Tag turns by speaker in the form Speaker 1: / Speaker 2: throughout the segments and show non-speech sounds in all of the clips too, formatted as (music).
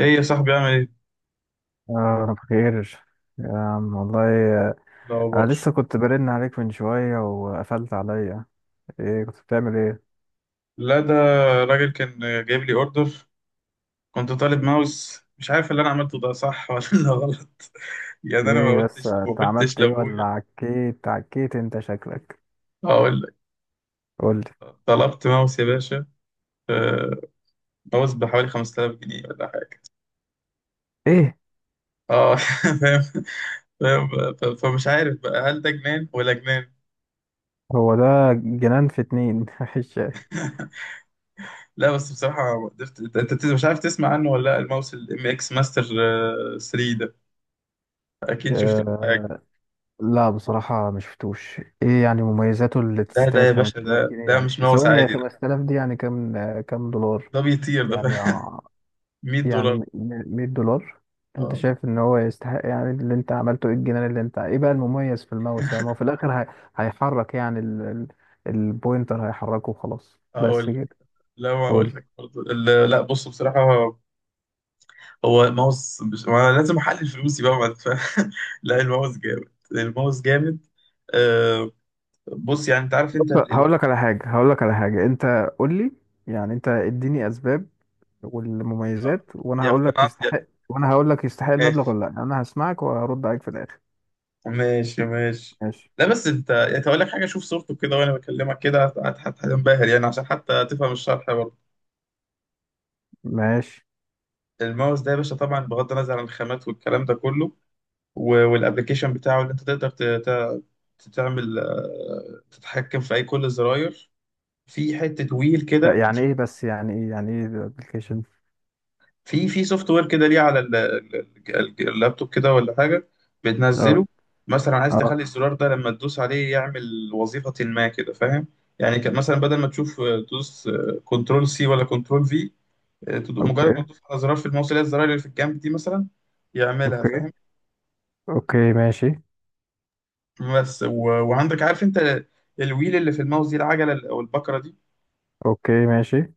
Speaker 1: ايه يا صاحبي، عامل ايه؟
Speaker 2: آه. أنا بخير يا عم والله. آه، أنا
Speaker 1: الاخبار؟
Speaker 2: لسه كنت برن عليك من شوية وقفلت عليا. إيه كنت بتعمل إيه؟
Speaker 1: لا ده راجل كان جايب لي اوردر. كنت طالب ماوس، مش عارف اللي انا عملته ده صح (laughs) ولا غلط. يعني انا ما
Speaker 2: إيه بس
Speaker 1: قلتش ما
Speaker 2: أنت
Speaker 1: قلتش
Speaker 2: عملت إيه، ولا
Speaker 1: لابويا.
Speaker 2: عكيت عكيت أنت شكلك؟
Speaker 1: هقول لك،
Speaker 2: قولي.
Speaker 1: طلبت ماوس يا باشا. آه، ماوس بحوالي 5000 جنيه ولا حاجه.
Speaker 2: إيه،
Speaker 1: اه (laughs) فاهم فاهم. فمش عارف بقى هل ده جنان ولا جنان.
Speaker 2: هو ده. جنان في اتنين (laughs) مفيش شيء.
Speaker 1: لا بس بصراحه ما قدرت. انت مش عارف تسمع عنه ولا لا. الماوس الام اكس ماستر 3 ده، اكيد شفت له
Speaker 2: آه
Speaker 1: حاجه.
Speaker 2: لا، بصراحة ما شفتوش إيه يعني مميزاته اللي
Speaker 1: لا ده
Speaker 2: تستاهل
Speaker 1: يا باشا،
Speaker 2: 5000
Speaker 1: ده
Speaker 2: جنيه
Speaker 1: ده
Speaker 2: يعني
Speaker 1: مش ماوس
Speaker 2: ثواني، هي
Speaker 1: عادي،
Speaker 2: 5000 دي يعني كام كام دولار؟
Speaker 1: ده بيطير ده
Speaker 2: يعني
Speaker 1: (laughs) 100
Speaker 2: يعني
Speaker 1: دولار
Speaker 2: 100 دولار. انت
Speaker 1: اه،
Speaker 2: شايف ان هو يستحق؟ يعني اللي انت عملته ايه الجنان، اللي انت ايه بقى المميز في الماوس؟ يعني ما هو في الاخر، هي، هيحرك يعني البوينتر هيحركه وخلاص بس
Speaker 1: اقول لك.
Speaker 2: كده.
Speaker 1: لا، ما
Speaker 2: قول لي.
Speaker 1: اقول لك برضه. لا بص بصراحه. ما أنا لازم احلل فلوسي بقى بعد، فاهم (laughs) لا، الماوس جامد الماوس جامد. آه، بص، يعني انت عارف انت
Speaker 2: بص، هقول
Speaker 1: الوي.
Speaker 2: لك على حاجة هقول لك على حاجة انت. قول لي. يعني انت اديني اسباب
Speaker 1: آه،
Speaker 2: والمميزات، وانا
Speaker 1: يا
Speaker 2: هقول لك
Speaker 1: اقتنعت يا
Speaker 2: يستحق، وانا هقول لك يستحق المبلغ
Speaker 1: ماشي.
Speaker 2: ولا لا. انا هسمعك وهرد عليك في الاخر.
Speaker 1: ماشي ماشي.
Speaker 2: ماشي،
Speaker 1: لا بس انت يعني اقول لك حاجه، شوف صورته كده وانا بكلمك كده، هتنبهر، يعني عشان حتى تفهم الشرح برضه.
Speaker 2: ماشي.
Speaker 1: الماوس ده يا باشا طبعا بغض النظر عن الخامات والكلام ده كله، والابلكيشن بتاعه اللي انت تقدر تعمل، تتحكم في اي كل الزراير، في حتة ويل كده.
Speaker 2: يعني ايه، بس يعني ايه الابلكيشن؟
Speaker 1: في سوفت وير كده ليه على اللابتوب كده ولا حاجة،
Speaker 2: اه،
Speaker 1: بتنزله. مثلا عايز
Speaker 2: اه.
Speaker 1: تخلي الزرار ده لما تدوس عليه يعمل وظيفة ما كده، فاهم؟ يعني كان مثلا بدل ما تشوف، تدوس كنترول سي ولا كنترول في، مجرد ما
Speaker 2: اوكي،
Speaker 1: تدوس على زرار في الماوس اللي هي الزراير اللي في الجنب دي مثلا، يعملها، فاهم؟
Speaker 2: اوكي، اوكي، ماشي.
Speaker 1: بس وعندك، عارف انت الويل اللي في الماوس دي، العجله او البكره دي،
Speaker 2: اوكي، ماشي.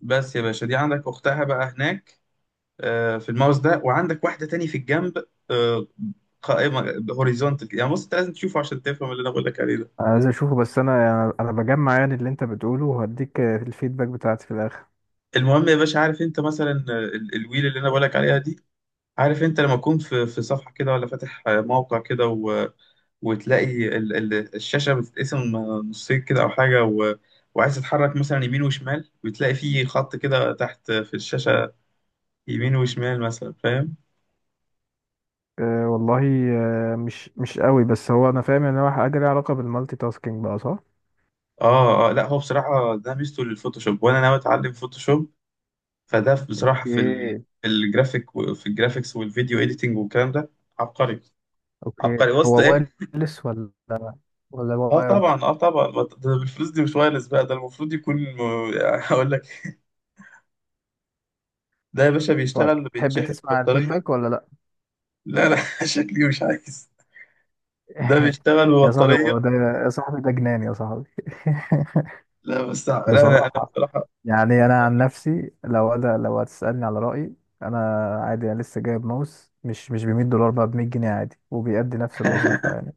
Speaker 1: بس يا باشا دي عندك اختها بقى هناك، في الماوس ده، وعندك واحده تاني في الجنب، آه، قائمه هوريزونتال. يعني بص، انت لازم تشوفه عشان تفهم اللي انا بقول لك عليه ده.
Speaker 2: عايز اشوفه، بس انا يعني انا بجمع يعني اللي انت بتقوله، وهديك الفيدباك بتاعتي في الاخر.
Speaker 1: المهم يا باشا، عارف انت مثلا الويل اللي انا بقول لك عليها دي، عارف انت لما تكون في صفحه كده، ولا فاتح موقع كده، وتلاقي الشاشة بتتقسم نصين كده أو حاجة، وعايز تتحرك مثلا يمين وشمال، وتلاقي فيه خط كده تحت في الشاشة، يمين وشمال مثلا، فاهم؟
Speaker 2: أه والله. أه، مش قوي، بس هو انا فاهم ان هو حاجه ليها علاقه بالمالتي تاسكينج بقى، صح؟
Speaker 1: آه آه. لا هو بصراحة ده ميزته للفوتوشوب، وأنا ناوي أتعلم فوتوشوب، فده بصراحة
Speaker 2: اوكي،
Speaker 1: في الجرافيك، في الجرافيكس والفيديو إيديتنج والكلام ده، عبقري.
Speaker 2: اوكي.
Speaker 1: عبقري وسط
Speaker 2: هو
Speaker 1: إيه؟
Speaker 2: وايرلس ولا
Speaker 1: اه
Speaker 2: وايرد؟
Speaker 1: طبعا، اه طبعا، ما ده بالفلوس دي مش وايرلس بقى، ده المفروض يكون (laughs) هقول لك، ده يا باشا
Speaker 2: طيب،
Speaker 1: بيشتغل،
Speaker 2: تحب
Speaker 1: بيتشحن
Speaker 2: تسمع
Speaker 1: بطارية.
Speaker 2: الفيدباك ولا لا؟
Speaker 1: لا لا (laughs) شكلي مش عايز. ده
Speaker 2: (laughs)
Speaker 1: بيشتغل
Speaker 2: يا صاحبي، هو
Speaker 1: ببطارية.
Speaker 2: ده. يا صاحبي، ده جنان يا صاحبي.
Speaker 1: لا بس
Speaker 2: (laughs)
Speaker 1: لا، أنا
Speaker 2: بصراحة،
Speaker 1: بصراحة.
Speaker 2: يعني انا عن نفسي لو هتسالني على رايي، انا. عادي، انا لسه جايب ماوس مش ب 100 دولار، بقى ب 100 جنيه عادي، وبيأدي نفس الوظيفه
Speaker 1: (laughs)
Speaker 2: يعني.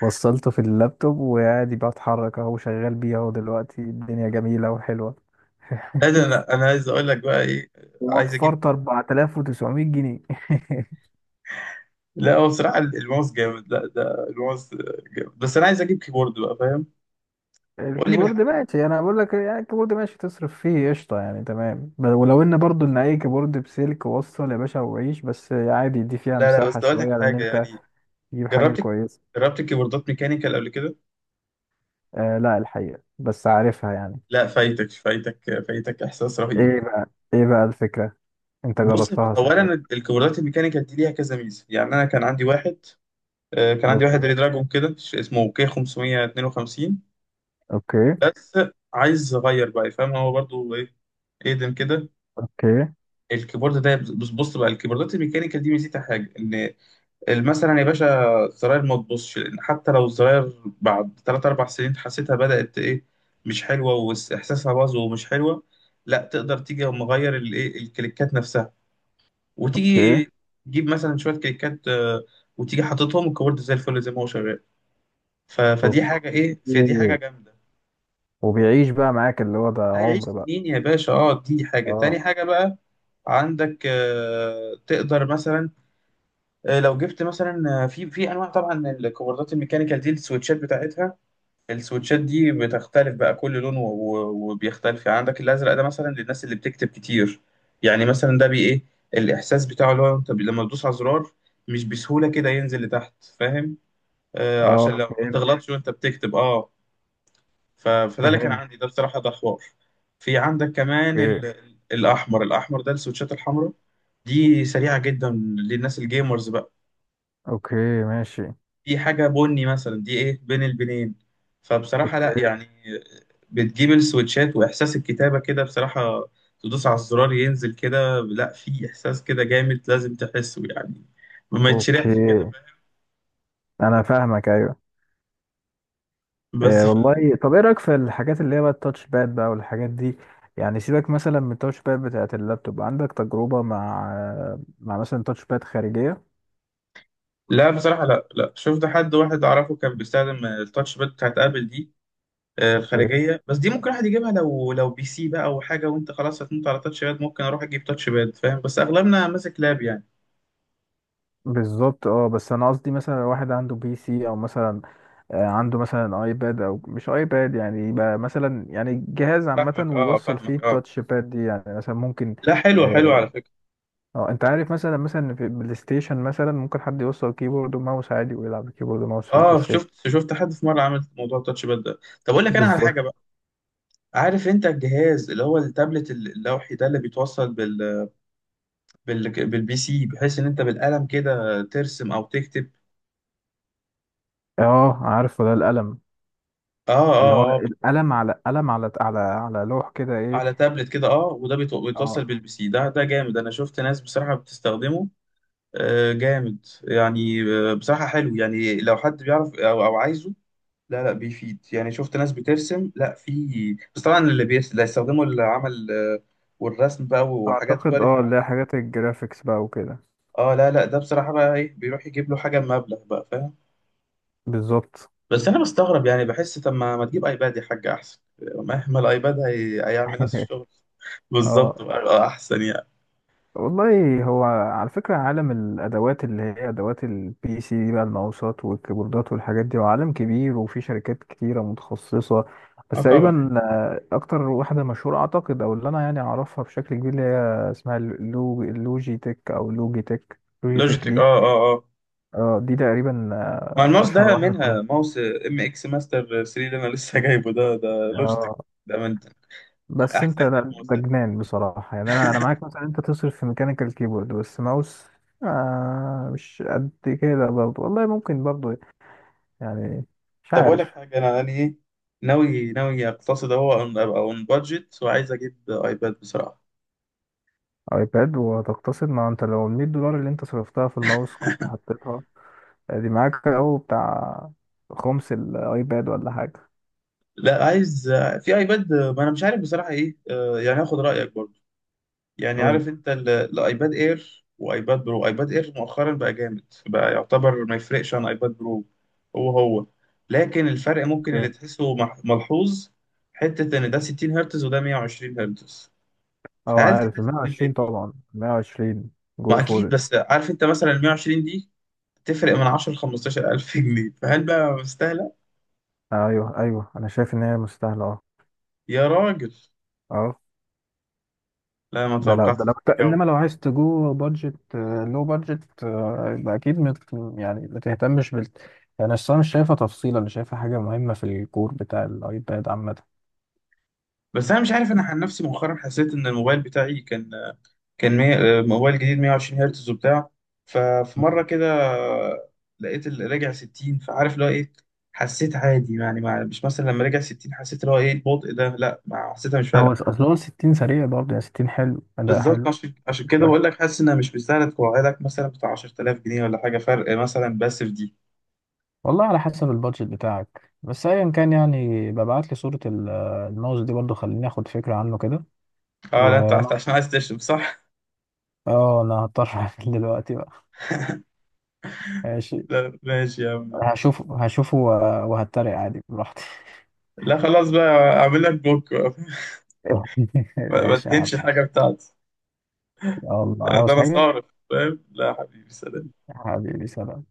Speaker 2: وصلته في اللابتوب وعادي بتحرك، اهو شغال بيه اهو، دلوقتي الدنيا جميله وحلوه.
Speaker 1: لا ده أنا
Speaker 2: (laughs)
Speaker 1: أنا عايز أقول لك بقى إيه، عايز أجيب.
Speaker 2: ووفرت 4900 جنيه. (laughs)
Speaker 1: لا هو بصراحة الماوس جامد، لا ده الماوس جامد، بس أنا عايز أجيب كيبورد بقى، فاهم؟ قول لي
Speaker 2: الكيبورد
Speaker 1: بالحق.
Speaker 2: ماشي، انا بقول لك يعني الكيبورد ماشي، تصرف فيه قشطه يعني، تمام. ولو ان برضو ان اي كيبورد بسلك، وصل يا باشا وعيش، بس عادي، دي فيها
Speaker 1: لا لا،
Speaker 2: مساحه
Speaker 1: بس أقول
Speaker 2: شويه
Speaker 1: لك
Speaker 2: لان
Speaker 1: حاجة
Speaker 2: انت
Speaker 1: يعني.
Speaker 2: تجيب حاجه
Speaker 1: جربت
Speaker 2: كويسه.
Speaker 1: جربت كيبوردات ميكانيكال قبل كده.
Speaker 2: آه لا، الحقيقة بس عارفها يعني.
Speaker 1: لا فايتك فايتك فايتك، إحساس رهيب.
Speaker 2: ايه بقى ايه بقى الفكرة؟ انت
Speaker 1: بص،
Speaker 2: جربتها شكلك.
Speaker 1: أولا الكيبوردات الميكانيكال دي ليها كذا ميزة. يعني أنا كان عندي واحد، كان عندي واحد
Speaker 2: اوكي
Speaker 1: ريدراجون كده، اسمه كي 552.
Speaker 2: اوكي،
Speaker 1: بس عايز اغير بقى، فاهم؟ هو برضو ايه، اقدم كده.
Speaker 2: اوكي.
Speaker 1: الكيبورد ده، بص بص بقى. الكيبوردات الميكانيكال دي ميزتها حاجه ان مثلا يا باشا، الزراير ما تبصش. لان حتى لو الزراير بعد 3 4 سنين حسيتها بدات ايه، مش حلوه واحساسها باظ ومش حلوه، لا تقدر تيجي مغير الايه، الكليكات نفسها.
Speaker 2: اوكي،
Speaker 1: وتيجي تجيب مثلا شويه كليكات، وتيجي حاططهم الكيبورد زي الفل، زي ما هو شغال. فدي حاجه ايه، فدي حاجه
Speaker 2: اوكي.
Speaker 1: جامده.
Speaker 2: وبيعيش بقى معاك، اللي هو ده
Speaker 1: لا يعيش
Speaker 2: عمر بقى؟
Speaker 1: سنين يا باشا. اه، دي حاجة.
Speaker 2: اه،
Speaker 1: تاني حاجة بقى، عندك تقدر مثلا، لو جبت مثلا، في انواع. طبعا الكوردات الميكانيكال دي، السويتشات بتاعتها، السويتشات دي بتختلف بقى كل لون، وبيختلف. يعني عندك الازرق ده مثلا للناس اللي بتكتب كتير، يعني مثلا ده بي ايه الاحساس بتاعه، اللي هو انت لما تدوس على زرار مش بسهولة كده ينزل لتحت، فاهم؟ آه، عشان
Speaker 2: اه،
Speaker 1: لو ما
Speaker 2: فهمت،
Speaker 1: تغلطش وانت بتكتب، اه. فده اللي كان
Speaker 2: فهمت.
Speaker 1: عندي ده بصراحة، ده حوار. في عندك كمان
Speaker 2: اوكي،
Speaker 1: الأحمر ده السويتشات الحمراء دي، سريعة جدا، للناس الجيمرز بقى.
Speaker 2: اوكي، ماشي.
Speaker 1: دي حاجة بني مثلا دي، إيه، بين البنين. فبصراحة لا
Speaker 2: اوكي،
Speaker 1: يعني، بتجيب السويتشات وإحساس الكتابة كده، بصراحة تدوس على الزرار ينزل كده، لا في إحساس كده جامد، لازم تحسه يعني، ما يتشرحش
Speaker 2: اوكي،
Speaker 1: كده، فاهم؟
Speaker 2: انا فاهمك. ايوه.
Speaker 1: بس
Speaker 2: آه والله. طب ايه رايك في الحاجات اللي هي بقى التاتش باد بقى والحاجات دي؟ يعني سيبك مثلا من التاتش باد بتاعت اللابتوب، عندك تجربة مع مثلا تاتش باد خارجية؟
Speaker 1: لا بصراحة. لا لا، شفت حد واحد أعرفه كان بيستخدم التاتش باد بتاعت آبل دي،
Speaker 2: اوكي.
Speaker 1: خارجيه. بس دي ممكن واحد يجيبها لو بي سي بقى او حاجه، وانت خلاص هتموت على تاتش باد، ممكن اروح اجيب تاتش باد، فاهم؟ بس اغلبنا ماسك لاب يعني.
Speaker 2: بالظبط. اه بس انا قصدي مثلا لو واحد عنده بي سي، او مثلا عنده مثلا ايباد، او مش ايباد يعني، يبقى مثلا يعني جهاز عامه،
Speaker 1: فاهمك اه
Speaker 2: ويوصل فيه
Speaker 1: فاهمك اه.
Speaker 2: التاتش باد دي يعني مثلا ممكن.
Speaker 1: لا حلو حلو
Speaker 2: اه.
Speaker 1: على فكره.
Speaker 2: انت عارف مثلا مثلا في البلاي ستيشن مثلا ممكن حد يوصل كيبورد وماوس عادي، ويلعب كيبورد وماوس في البلاي
Speaker 1: اه
Speaker 2: ستيشن.
Speaker 1: شفت حد في مره عمل موضوع التاتش باد ده. طب اقول لك انا على
Speaker 2: بالظبط.
Speaker 1: حاجه بقى. عارف انت الجهاز اللي هو التابلت اللوحي ده اللي بيتوصل بال، بالبي سي، بحيث ان انت بالقلم كده ترسم او تكتب.
Speaker 2: اه عارفه، ده القلم،
Speaker 1: اه
Speaker 2: اللي هو
Speaker 1: اه اه.
Speaker 2: القلم على قلم على لوح كده، ايه.
Speaker 1: على تابلت كده، اه، وده بيتوصل
Speaker 2: اه،
Speaker 1: بالبي سي. ده جامد، انا شفت ناس بصراحه بتستخدمه، جامد يعني، بصراحة حلو يعني لو حد بيعرف أو عايزه. لا لا، بيفيد يعني، شفت ناس بترسم. لا في بس طبعا اللي اللي هيستخدموا العمل، والرسم بقى وحاجات
Speaker 2: اعتقد
Speaker 1: كواليتي
Speaker 2: اه اللي هي
Speaker 1: عالية.
Speaker 2: حاجات الجرافيكس بقى وكده.
Speaker 1: اه. لا لا، ده بصراحة بقى ايه، بيروح يجيب له حاجة بمبلغ بقى، فاهم؟
Speaker 2: بالظبط.
Speaker 1: بس أنا بستغرب يعني، بحس طب ما تجيب أيباد يا حاج أحسن. مهما الأيباد هيعمل نفس
Speaker 2: (laughs)
Speaker 1: الشغل. بالظبط
Speaker 2: اه
Speaker 1: بقى، أحسن يعني.
Speaker 2: والله، هو على فكرة عالم الأدوات اللي هي أدوات البي سي دي بقى، الماوسات والكيبوردات والحاجات دي، هو عالم كبير وفي شركات كتيرة متخصصة،
Speaker 1: اه
Speaker 2: بس
Speaker 1: طبعا.
Speaker 2: تقريبا أكتر واحدة مشهورة أعتقد، أو اللي أنا يعني أعرفها بشكل كبير، اللي هي اسمها اللوجي تك، أو لوجي تك لوجي تك
Speaker 1: لوجيتك، اه
Speaker 2: دي.
Speaker 1: اه اه.
Speaker 2: دي تقريبا
Speaker 1: ما الماوس
Speaker 2: أشهر
Speaker 1: ده
Speaker 2: واحدة فيهم.
Speaker 1: منها، ماوس ام اكس ماستر 3 اللي انا لسه جايبه ده، ده لوجيتك.
Speaker 2: آه.
Speaker 1: ده من
Speaker 2: بس انت،
Speaker 1: احسن
Speaker 2: لا
Speaker 1: الماوس.
Speaker 2: ده جنان بصراحة، يعني انا معاك مثلا انت تصرف في ميكانيكال كيبورد، بس ماوس؟ آه مش قد كده برضه، والله ممكن برضه يعني، مش
Speaker 1: طب اقول لك
Speaker 2: عارف.
Speaker 1: حاجه، انا يعني ايه، ناوي اقتصد اهو، ابقى اون بادجت، وعايز اجيب ايباد بصراحه.
Speaker 2: ايباد وهتقتصد؟ ما انت لو ال 100 دولار اللي انت صرفتها في الماوس كنت حطيتها دي معاك، او بتاع خمس الايباد ولا حاجة.
Speaker 1: لا عايز، في ايباد ما انا مش عارف بصراحه ايه، يعني اخد رايك برضه. يعني
Speaker 2: قول.
Speaker 1: عارف انت الايباد اير وايباد برو. ايباد اير مؤخرا بقى جامد بقى، يعتبر ما يفرقش عن ايباد برو. هو هو. لكن الفرق ممكن اللي
Speaker 2: اوكي.
Speaker 1: تحسه ملحوظ، حتة ان ده 60 هرتز وده 120 هرتز،
Speaker 2: اه،
Speaker 1: فهل
Speaker 2: عارف ال
Speaker 1: تحس ان
Speaker 2: 120
Speaker 1: دي،
Speaker 2: طبعا، 120 جو
Speaker 1: ما اكيد.
Speaker 2: فور.
Speaker 1: بس عارف انت مثلا ال 120 دي تفرق من 10 ل 15 الف جنيه، فهل بقى مستاهلة؟
Speaker 2: ايوه، ايوه، انا شايف ان هي مستاهلة اه.
Speaker 1: يا راجل،
Speaker 2: اه،
Speaker 1: لا ما
Speaker 2: ده لو،
Speaker 1: توقعتش
Speaker 2: ده لو
Speaker 1: الجو
Speaker 2: انما
Speaker 1: كده.
Speaker 2: لو عايز تجو بادجت، لو بادجت، يبقى اكيد مت. يعني ما تهتمش بال يعني. اصل انا مش شايفه تفصيله، انا شايفه حاجه مهمه في الكور بتاع الايباد عامه.
Speaker 1: بس انا مش عارف، انا عن نفسي مؤخرا حسيت ان الموبايل بتاعي كان موبايل جديد 120 هرتز وبتاع. ففي مره كده لقيت اللي راجع 60، فعارف اللي هو ايه، حسيت عادي يعني. مش مثلا لما رجع 60 حسيت اللي هو ايه البطء ده، لا ما حسيتها، مش
Speaker 2: هو
Speaker 1: فارقه.
Speaker 2: اصل هو 60 سريع برضه، يعني 60 حلو، اداء
Speaker 1: بالظبط،
Speaker 2: حلو،
Speaker 1: عشان
Speaker 2: مش
Speaker 1: كده بقول
Speaker 2: وحش.
Speaker 1: لك حاسس انها مش مستاهله توعدك مثلا بتاع 10,000 جنيه ولا حاجه، فرق مثلا بس في دي.
Speaker 2: والله على حسب البادجت بتاعك، بس ايا كان يعني، ببعت لي صوره الماوس دي برضه، خليني اخد فكره عنه كده.
Speaker 1: اه، لا انت عشان
Speaker 2: وانا
Speaker 1: عشان عايز تشرب، صح؟
Speaker 2: اه، انا هضطر (laughs) اقفل دلوقتي بقى. ماشي.
Speaker 1: لا ماشي يا عم، ماشي.
Speaker 2: هشوفه وهتريق عادي براحتي.
Speaker 1: لا خلاص بقى، اعمل لك بوك بقى.
Speaker 2: (laughs)
Speaker 1: (laughs) ما
Speaker 2: ماشي يا عم،
Speaker 1: تهنش حاجه
Speaker 2: ماشي.
Speaker 1: بتاعتي.
Speaker 2: يلا،
Speaker 1: ده انا ده
Speaker 2: عاوز
Speaker 1: أنا
Speaker 2: حاجة؟
Speaker 1: صارف، فاهم. لا يا حبيبي، سلام.
Speaker 2: حبيبي، سلام.